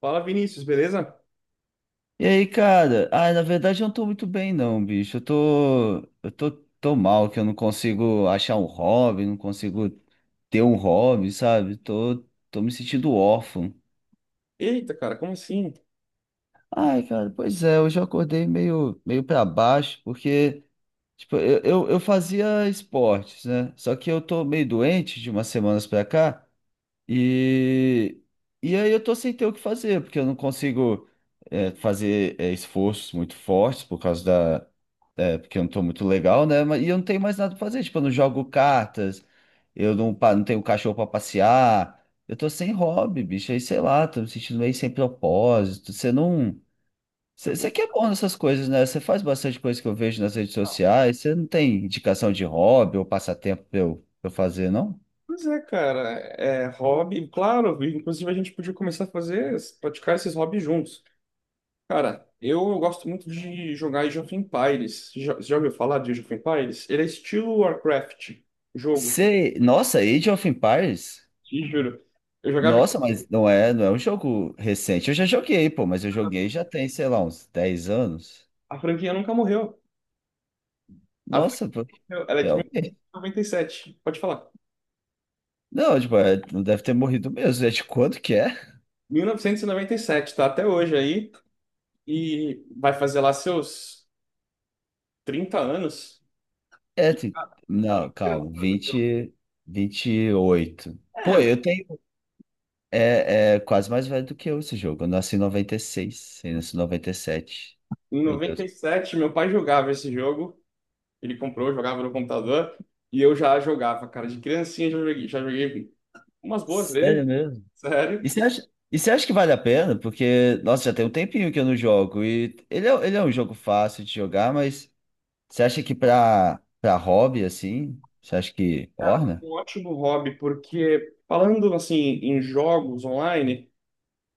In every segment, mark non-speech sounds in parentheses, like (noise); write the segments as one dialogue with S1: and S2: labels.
S1: Fala, Vinícius, beleza?
S2: E aí, cara? Ah, na verdade eu não tô muito bem, não, bicho. Eu tô, tô mal, que eu não consigo achar um hobby, não consigo ter um hobby, sabe? Tô me sentindo órfão.
S1: Eita, cara, como assim? Deixa
S2: Ai, cara, pois é, hoje eu acordei meio para baixo, porque, tipo, eu fazia esportes, né? Só que eu tô meio doente de umas semanas pra cá, e, e aí eu tô sem ter o que fazer, porque eu não consigo, fazer, esforços muito fortes por causa. É, porque eu não tô muito legal, né? E eu não tenho mais nada pra fazer. Tipo, eu não jogo cartas, eu não, pa- não tenho cachorro pra passear. Eu tô sem hobby, bicho. Aí, sei lá, tô me sentindo meio sem propósito. Você não.
S1: eu
S2: Você que é bom nessas coisas, né? Você faz bastante coisa que eu vejo nas redes
S1: pensar.
S2: sociais. Você não tem indicação de hobby ou passatempo pra eu fazer, não?
S1: Pois é, cara, é hobby, claro, inclusive a gente podia começar a fazer, praticar esses hobbies juntos. Cara, eu gosto muito de jogar Age of Empires. Já, você já ouviu falar de Age of Empires? Ele é estilo Warcraft, jogo,
S2: Você. Nossa, Age of Empires?
S1: te juro. Eu jogava.
S2: Nossa, mas não é um jogo recente. Eu já joguei, pô, mas eu joguei já tem, sei lá, uns 10 anos.
S1: A franquia nunca morreu. A franquia,
S2: Nossa, pô.
S1: morreu. Ela é de 1997, pode falar.
S2: Não, tipo, é, não deve ter morrido mesmo. É de quanto que é?
S1: 1997, tá até hoje aí. E vai fazer lá seus 30 anos.
S2: É,
S1: E, cara, olha
S2: não,
S1: que
S2: calma,
S1: engraçado.
S2: 28.
S1: É,
S2: Pô, eu tenho. É, é quase mais velho do que eu esse jogo. Eu nasci em 96, eu nasci em 97.
S1: em
S2: Meu Deus.
S1: 97, meu pai jogava esse jogo. Ele comprou, jogava no computador. E eu já jogava, cara. De criancinha já joguei umas boas vezes,
S2: Sério mesmo?
S1: sério.
S2: E você acha que vale a pena? Porque, nossa, já tem um tempinho que eu não jogo. E ele é um jogo fácil de jogar, mas você acha que pra hobby, assim, você acha que
S1: Cara,
S2: orna?
S1: um ótimo hobby, porque falando assim em jogos online,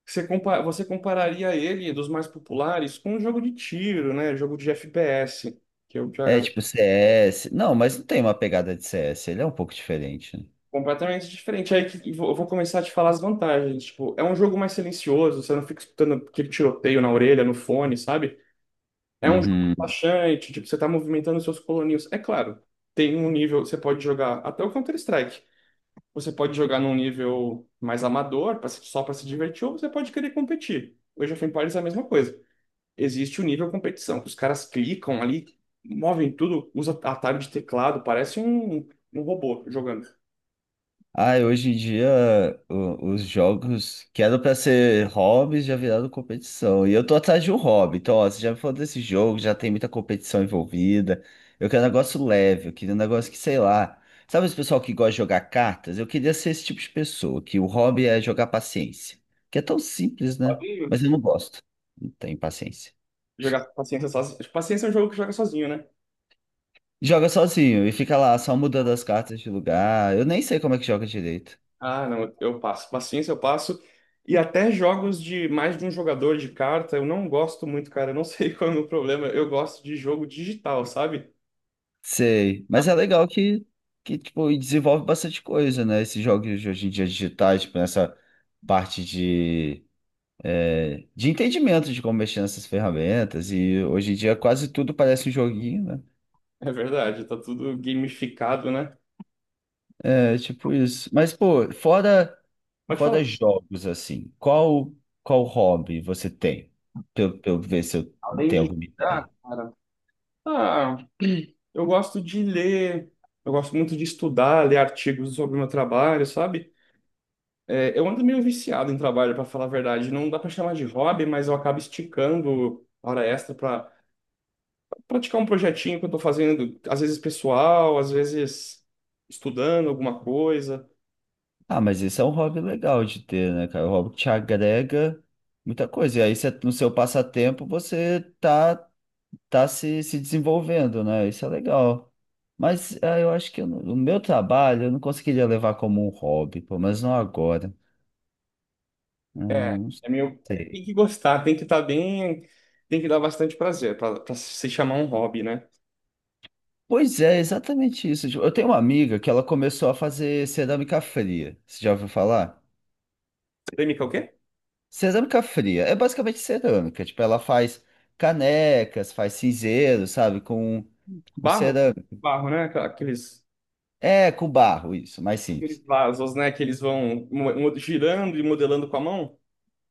S1: você, compa você compararia ele dos mais populares com um jogo de tiro, né? Jogo de FPS, que eu
S2: É
S1: já
S2: tipo CS. Não, mas não tem uma pegada de CS, ele é um pouco diferente, né?
S1: completamente diferente. Aí que eu vou começar a te falar as vantagens. Tipo, é um jogo mais silencioso, você não fica escutando aquele tiroteio na orelha, no fone, sabe? É um jogo
S2: Uhum.
S1: relaxante, tipo, você tá movimentando seus coloninhos. É claro, tem um nível, você pode jogar até o Counter-Strike. Você pode jogar num nível mais amador, pra se- só para se divertir, ou você pode querer competir. O Age of Empires é a mesma coisa. Existe o nível competição, que os caras clicam ali, movem tudo, usa atalho de teclado, parece um, um robô jogando.
S2: Ah, hoje em dia os jogos que eram pra ser hobbies já viraram competição. E eu tô atrás de um hobby. Então, ó, você já me falou desse jogo, já tem muita competição envolvida. Eu quero um negócio leve, eu queria um negócio que, sei lá. Sabe esse pessoal que gosta de jogar cartas? Eu queria ser esse tipo de pessoa, que o hobby é jogar paciência. Que é tão simples, né?
S1: Pode
S2: Mas eu não gosto. Não tenho paciência.
S1: jogar paciência sozinho. Paciência é um jogo que joga sozinho, né?
S2: Joga sozinho e fica lá só mudando as cartas de lugar. Eu nem sei como é que joga direito.
S1: Ah, não, eu passo. Paciência eu passo. E até jogos de mais de um jogador de carta, eu não gosto muito, cara. Eu não (laughs) sei qual é o meu problema. Eu gosto de jogo digital, sabe?
S2: Sei, mas é legal que tipo, desenvolve bastante coisa, né? Esses jogos de hoje em dia digitais, tipo, nessa parte de entendimento de como mexer nessas ferramentas. E hoje em dia quase tudo parece um joguinho, né?
S1: É verdade, tá tudo gamificado, né?
S2: É tipo isso. Mas, pô, fora,
S1: Pode
S2: fora
S1: falar.
S2: jogos, assim, qual, qual hobby você tem? Pra eu ver se eu
S1: Além
S2: tenho
S1: de
S2: alguma
S1: jogar,
S2: ideia.
S1: cara, ah, eu gosto de ler, eu gosto muito de estudar, ler artigos sobre o meu trabalho, sabe? É, eu ando meio viciado em trabalho, para falar a verdade. Não dá para chamar de hobby, mas eu acabo esticando a hora extra para praticar um projetinho que eu tô fazendo, às vezes pessoal, às vezes estudando alguma coisa.
S2: Ah, mas esse é um hobby legal de ter, né, cara? O hobby que te agrega muita coisa. E aí, você- no seu passatempo, você tá se desenvolvendo, né? Isso é legal. Mas ah, eu acho que eu não- o meu trabalho eu não conseguiria levar como um hobby, pelo menos não agora. Ah,
S1: É,
S2: não
S1: é meio, é, tem
S2: sei.
S1: que gostar, tem que estar bem, tem que dar bastante prazer para pra se chamar um hobby, né?
S2: Pois é, exatamente isso. Tipo, eu tenho uma amiga que ela começou a fazer cerâmica fria. Você já ouviu falar?
S1: Polêmica é o quê?
S2: Cerâmica fria é basicamente cerâmica. Tipo, ela faz canecas, faz cinzeiro, sabe? Com
S1: Barro?
S2: cerâmica.
S1: Barro, né? Aquela- Aqueles,
S2: É, com barro, isso, mais simples.
S1: aqueles vasos, né? Que eles vão girando e modelando com a mão.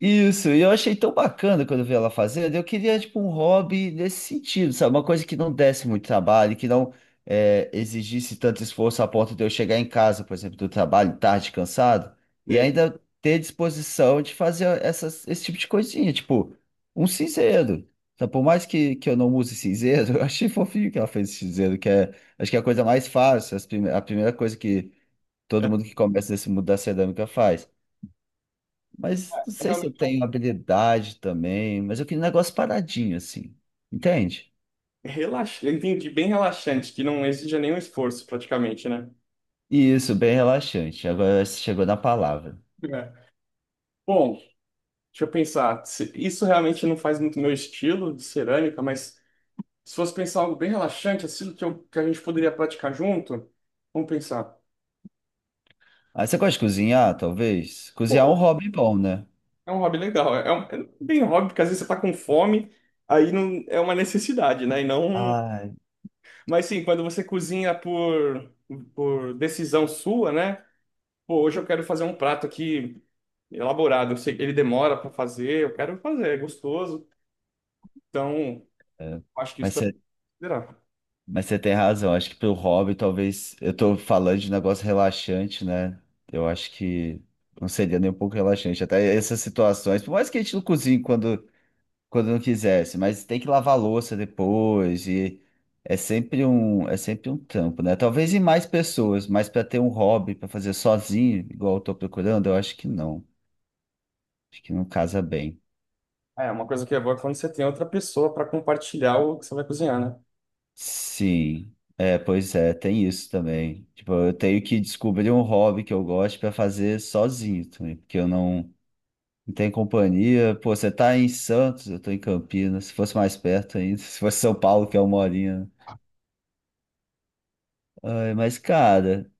S2: Isso, e eu achei tão bacana quando eu vi ela fazendo. Eu queria, tipo, um hobby nesse sentido, sabe? Uma coisa que não desse muito trabalho, que não é, exigisse tanto esforço a ponto de eu chegar em casa, por exemplo, do trabalho tarde, cansado, e
S1: Sei.
S2: ainda ter disposição de fazer esse tipo de coisinha, tipo, um cinzeiro. Então, por mais que eu não use cinzeiro, (laughs) eu achei fofinho que ela fez esse cinzeiro, que é, acho que é a coisa mais fácil, a primeira coisa que todo
S1: É
S2: mundo que começa nesse mundo da cerâmica faz. Mas não
S1: é
S2: sei se
S1: realmente
S2: eu tenho habilidade também, mas eu queria um negócio paradinho, assim. Entende?
S1: relaxante. Entendi, bem relaxante, que não exige nenhum esforço praticamente, né?
S2: E isso, bem relaxante. Agora você chegou na palavra.
S1: É. Bom, deixa eu pensar. Se- Isso realmente não faz muito meu estilo de cerâmica, mas se fosse pensar algo bem relaxante, assim, que, que a gente poderia praticar junto, vamos pensar.
S2: Ah, você gosta de cozinhar, talvez? Cozinhar é um
S1: Pô,
S2: hobby bom, né?
S1: é um hobby legal. É, é bem um hobby, porque às vezes você tá com fome, aí não, é uma necessidade, né? E não.
S2: Ai,
S1: Mas sim, quando você cozinha por decisão sua, né? Pô, hoje eu quero fazer um prato aqui elaborado. Eu sei que ele demora para fazer, eu quero fazer, é gostoso. Então,
S2: é.
S1: acho que isso
S2: Mas
S1: também
S2: você,
S1: considerar.
S2: mas você tem razão. Acho que pro hobby, talvez. Eu tô falando de negócio relaxante, né? Eu acho que não seria nem um pouco relaxante. Até essas situações. Por mais que a gente não cozinhe quando não quisesse, mas tem que lavar a louça depois e é sempre um trampo, né? Talvez em mais pessoas, mas para ter um hobby para fazer sozinho, igual eu tô procurando, eu acho que não. Acho que não casa bem.
S1: É, uma coisa que é boa é quando você tem outra pessoa para compartilhar o que você vai cozinhar, né?
S2: Sim. É, pois é, tem isso também. Tipo, eu tenho que descobrir um hobby que eu gosto para fazer sozinho também, porque eu não. Não tenho companhia. Pô, você tá em Santos, eu tô em Campinas. Se fosse mais perto ainda, (laughs) se fosse São Paulo, que é uma horinha. Ai, mas, cara,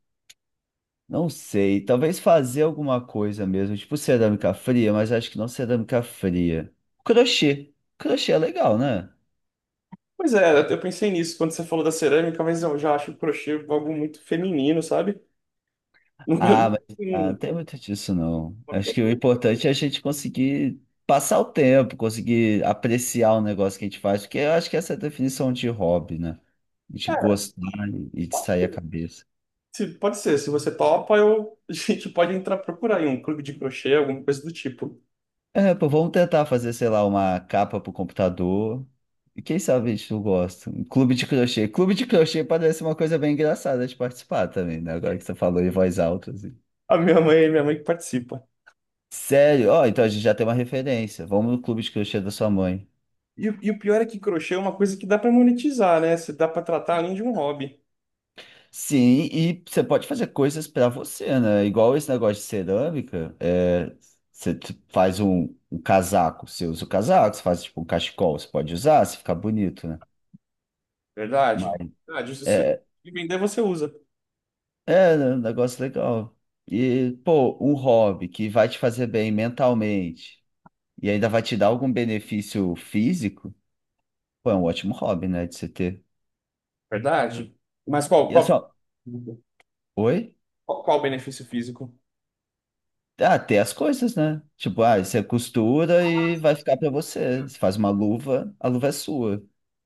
S2: não sei, talvez fazer alguma coisa mesmo, tipo cerâmica fria, mas acho que não cerâmica fria. Crochê. Crochê é legal, né?
S1: Pois é, eu pensei nisso quando você falou da cerâmica, mas eu já acho o crochê algo muito feminino, sabe? (laughs)
S2: Ah,
S1: Nunca-
S2: mas não tem muito disso, não. Acho que o importante é a gente conseguir passar o tempo, conseguir apreciar o negócio que a gente faz, porque eu acho que essa é a definição de hobby, né? A gente
S1: É,
S2: gostar e de sair a
S1: é,
S2: cabeça.
S1: Se, pode ser, se você topa, eu, (laughs) a gente pode entrar procurar em um clube de crochê, alguma coisa do tipo.
S2: É, pô, vamos tentar fazer, sei lá, uma capa pro computador. E quem sabe a gente não gosta. Um clube de crochê. Clube de crochê parece uma coisa bem engraçada de participar também, né? Agora que você falou em voz alta, assim.
S1: Minha mãe que participa.
S2: Sério? Ó, então a gente já tem uma referência. Vamos no clube de crochê da sua mãe.
S1: E, e o pior é que crochê é uma coisa que dá para monetizar, né? Você dá para tratar além de um hobby.
S2: Sim, e você pode fazer coisas pra você, né? Igual esse negócio de cerâmica, é, você t- faz um, casaco, você usa o casaco, você faz tipo um cachecol, você pode usar se ficar bonito, né?
S1: Verdade.
S2: Mas
S1: Verdade. Se você
S2: é,
S1: vender, você usa.
S2: é, né, um negócio legal. E, pô, um hobby que vai te fazer bem mentalmente e ainda vai te dar algum benefício físico, pô, é um ótimo hobby, né, de se ter.
S1: Verdade. Mas
S2: E é só, oi?
S1: qual o benefício físico?
S2: Ah, ter as coisas, né? Tipo, ah, você costura e vai ficar pra você. Você faz uma luva, a luva é sua.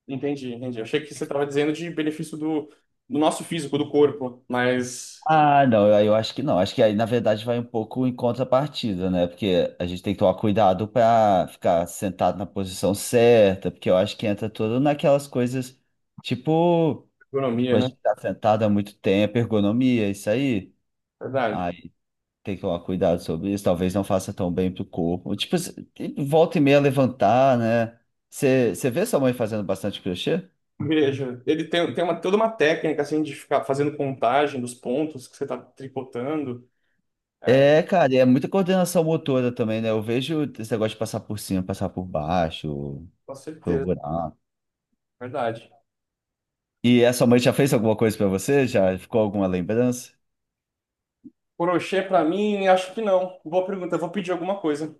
S1: Entendi, entendi. Eu achei que você estava dizendo de benefício do, do nosso físico, do corpo, mas
S2: Ah, não, eu acho que não. Acho que aí, na verdade, vai um pouco em contrapartida, né? Porque a gente tem que tomar cuidado para ficar sentado na posição certa, porque eu acho que entra tudo naquelas coisas tipo, tipo,
S1: economia,
S2: a
S1: né?
S2: gente tá sentado há muito tempo, ergonomia, isso aí.
S1: Verdade.
S2: Aí tem que tomar cuidado sobre isso, talvez não faça tão bem pro corpo. Tipo, se- volta e meia levantar, né? Você vê sua mãe fazendo bastante crochê?
S1: Veja, ele tem, tem uma, toda uma técnica assim de ficar fazendo contagem dos pontos que você está tricotando. É,
S2: É, cara, e é muita coordenação motora também, né? Eu vejo esse negócio de passar por cima, passar por baixo,
S1: com
S2: pelo
S1: certeza,
S2: buraco.
S1: verdade.
S2: E a sua mãe já fez alguma coisa pra você? Já ficou alguma lembrança?
S1: Crochê para mim, acho que não. Boa pergunta, eu vou pedir alguma coisa.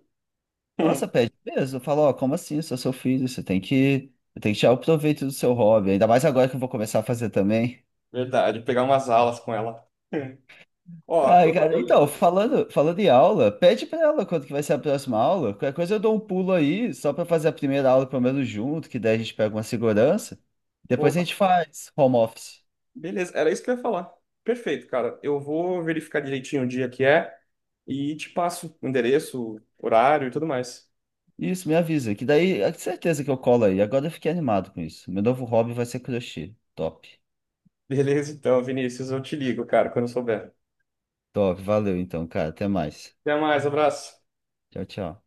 S2: Nossa,
S1: (laughs)
S2: pede peso. Eu falo, ó, como assim? Eu sou seu filho, você tem tem que tirar o proveito do seu hobby. Ainda mais agora que eu vou começar a fazer também.
S1: Verdade, pegar umas alas com ela. (laughs) Ó,
S2: Ai, cara, então, falando em aula, pede pra ela quando que vai ser a próxima aula. Qualquer coisa eu dou um pulo aí, só pra fazer a primeira aula pelo menos junto, que daí a gente pega uma segurança. Depois a gente
S1: boa.
S2: faz home office.
S1: Beleza, era isso que eu ia falar. Perfeito, cara. Eu vou verificar direitinho o dia que é e te passo o endereço, horário e tudo mais.
S2: Isso, me avisa, que daí é certeza que eu colo aí. Agora eu fiquei animado com isso. Meu novo hobby vai ser crochê. Top.
S1: Beleza, então, Vinícius, eu te ligo, cara, quando eu souber.
S2: Top, valeu então, cara. Até mais.
S1: Até mais, abraço.
S2: Tchau, tchau.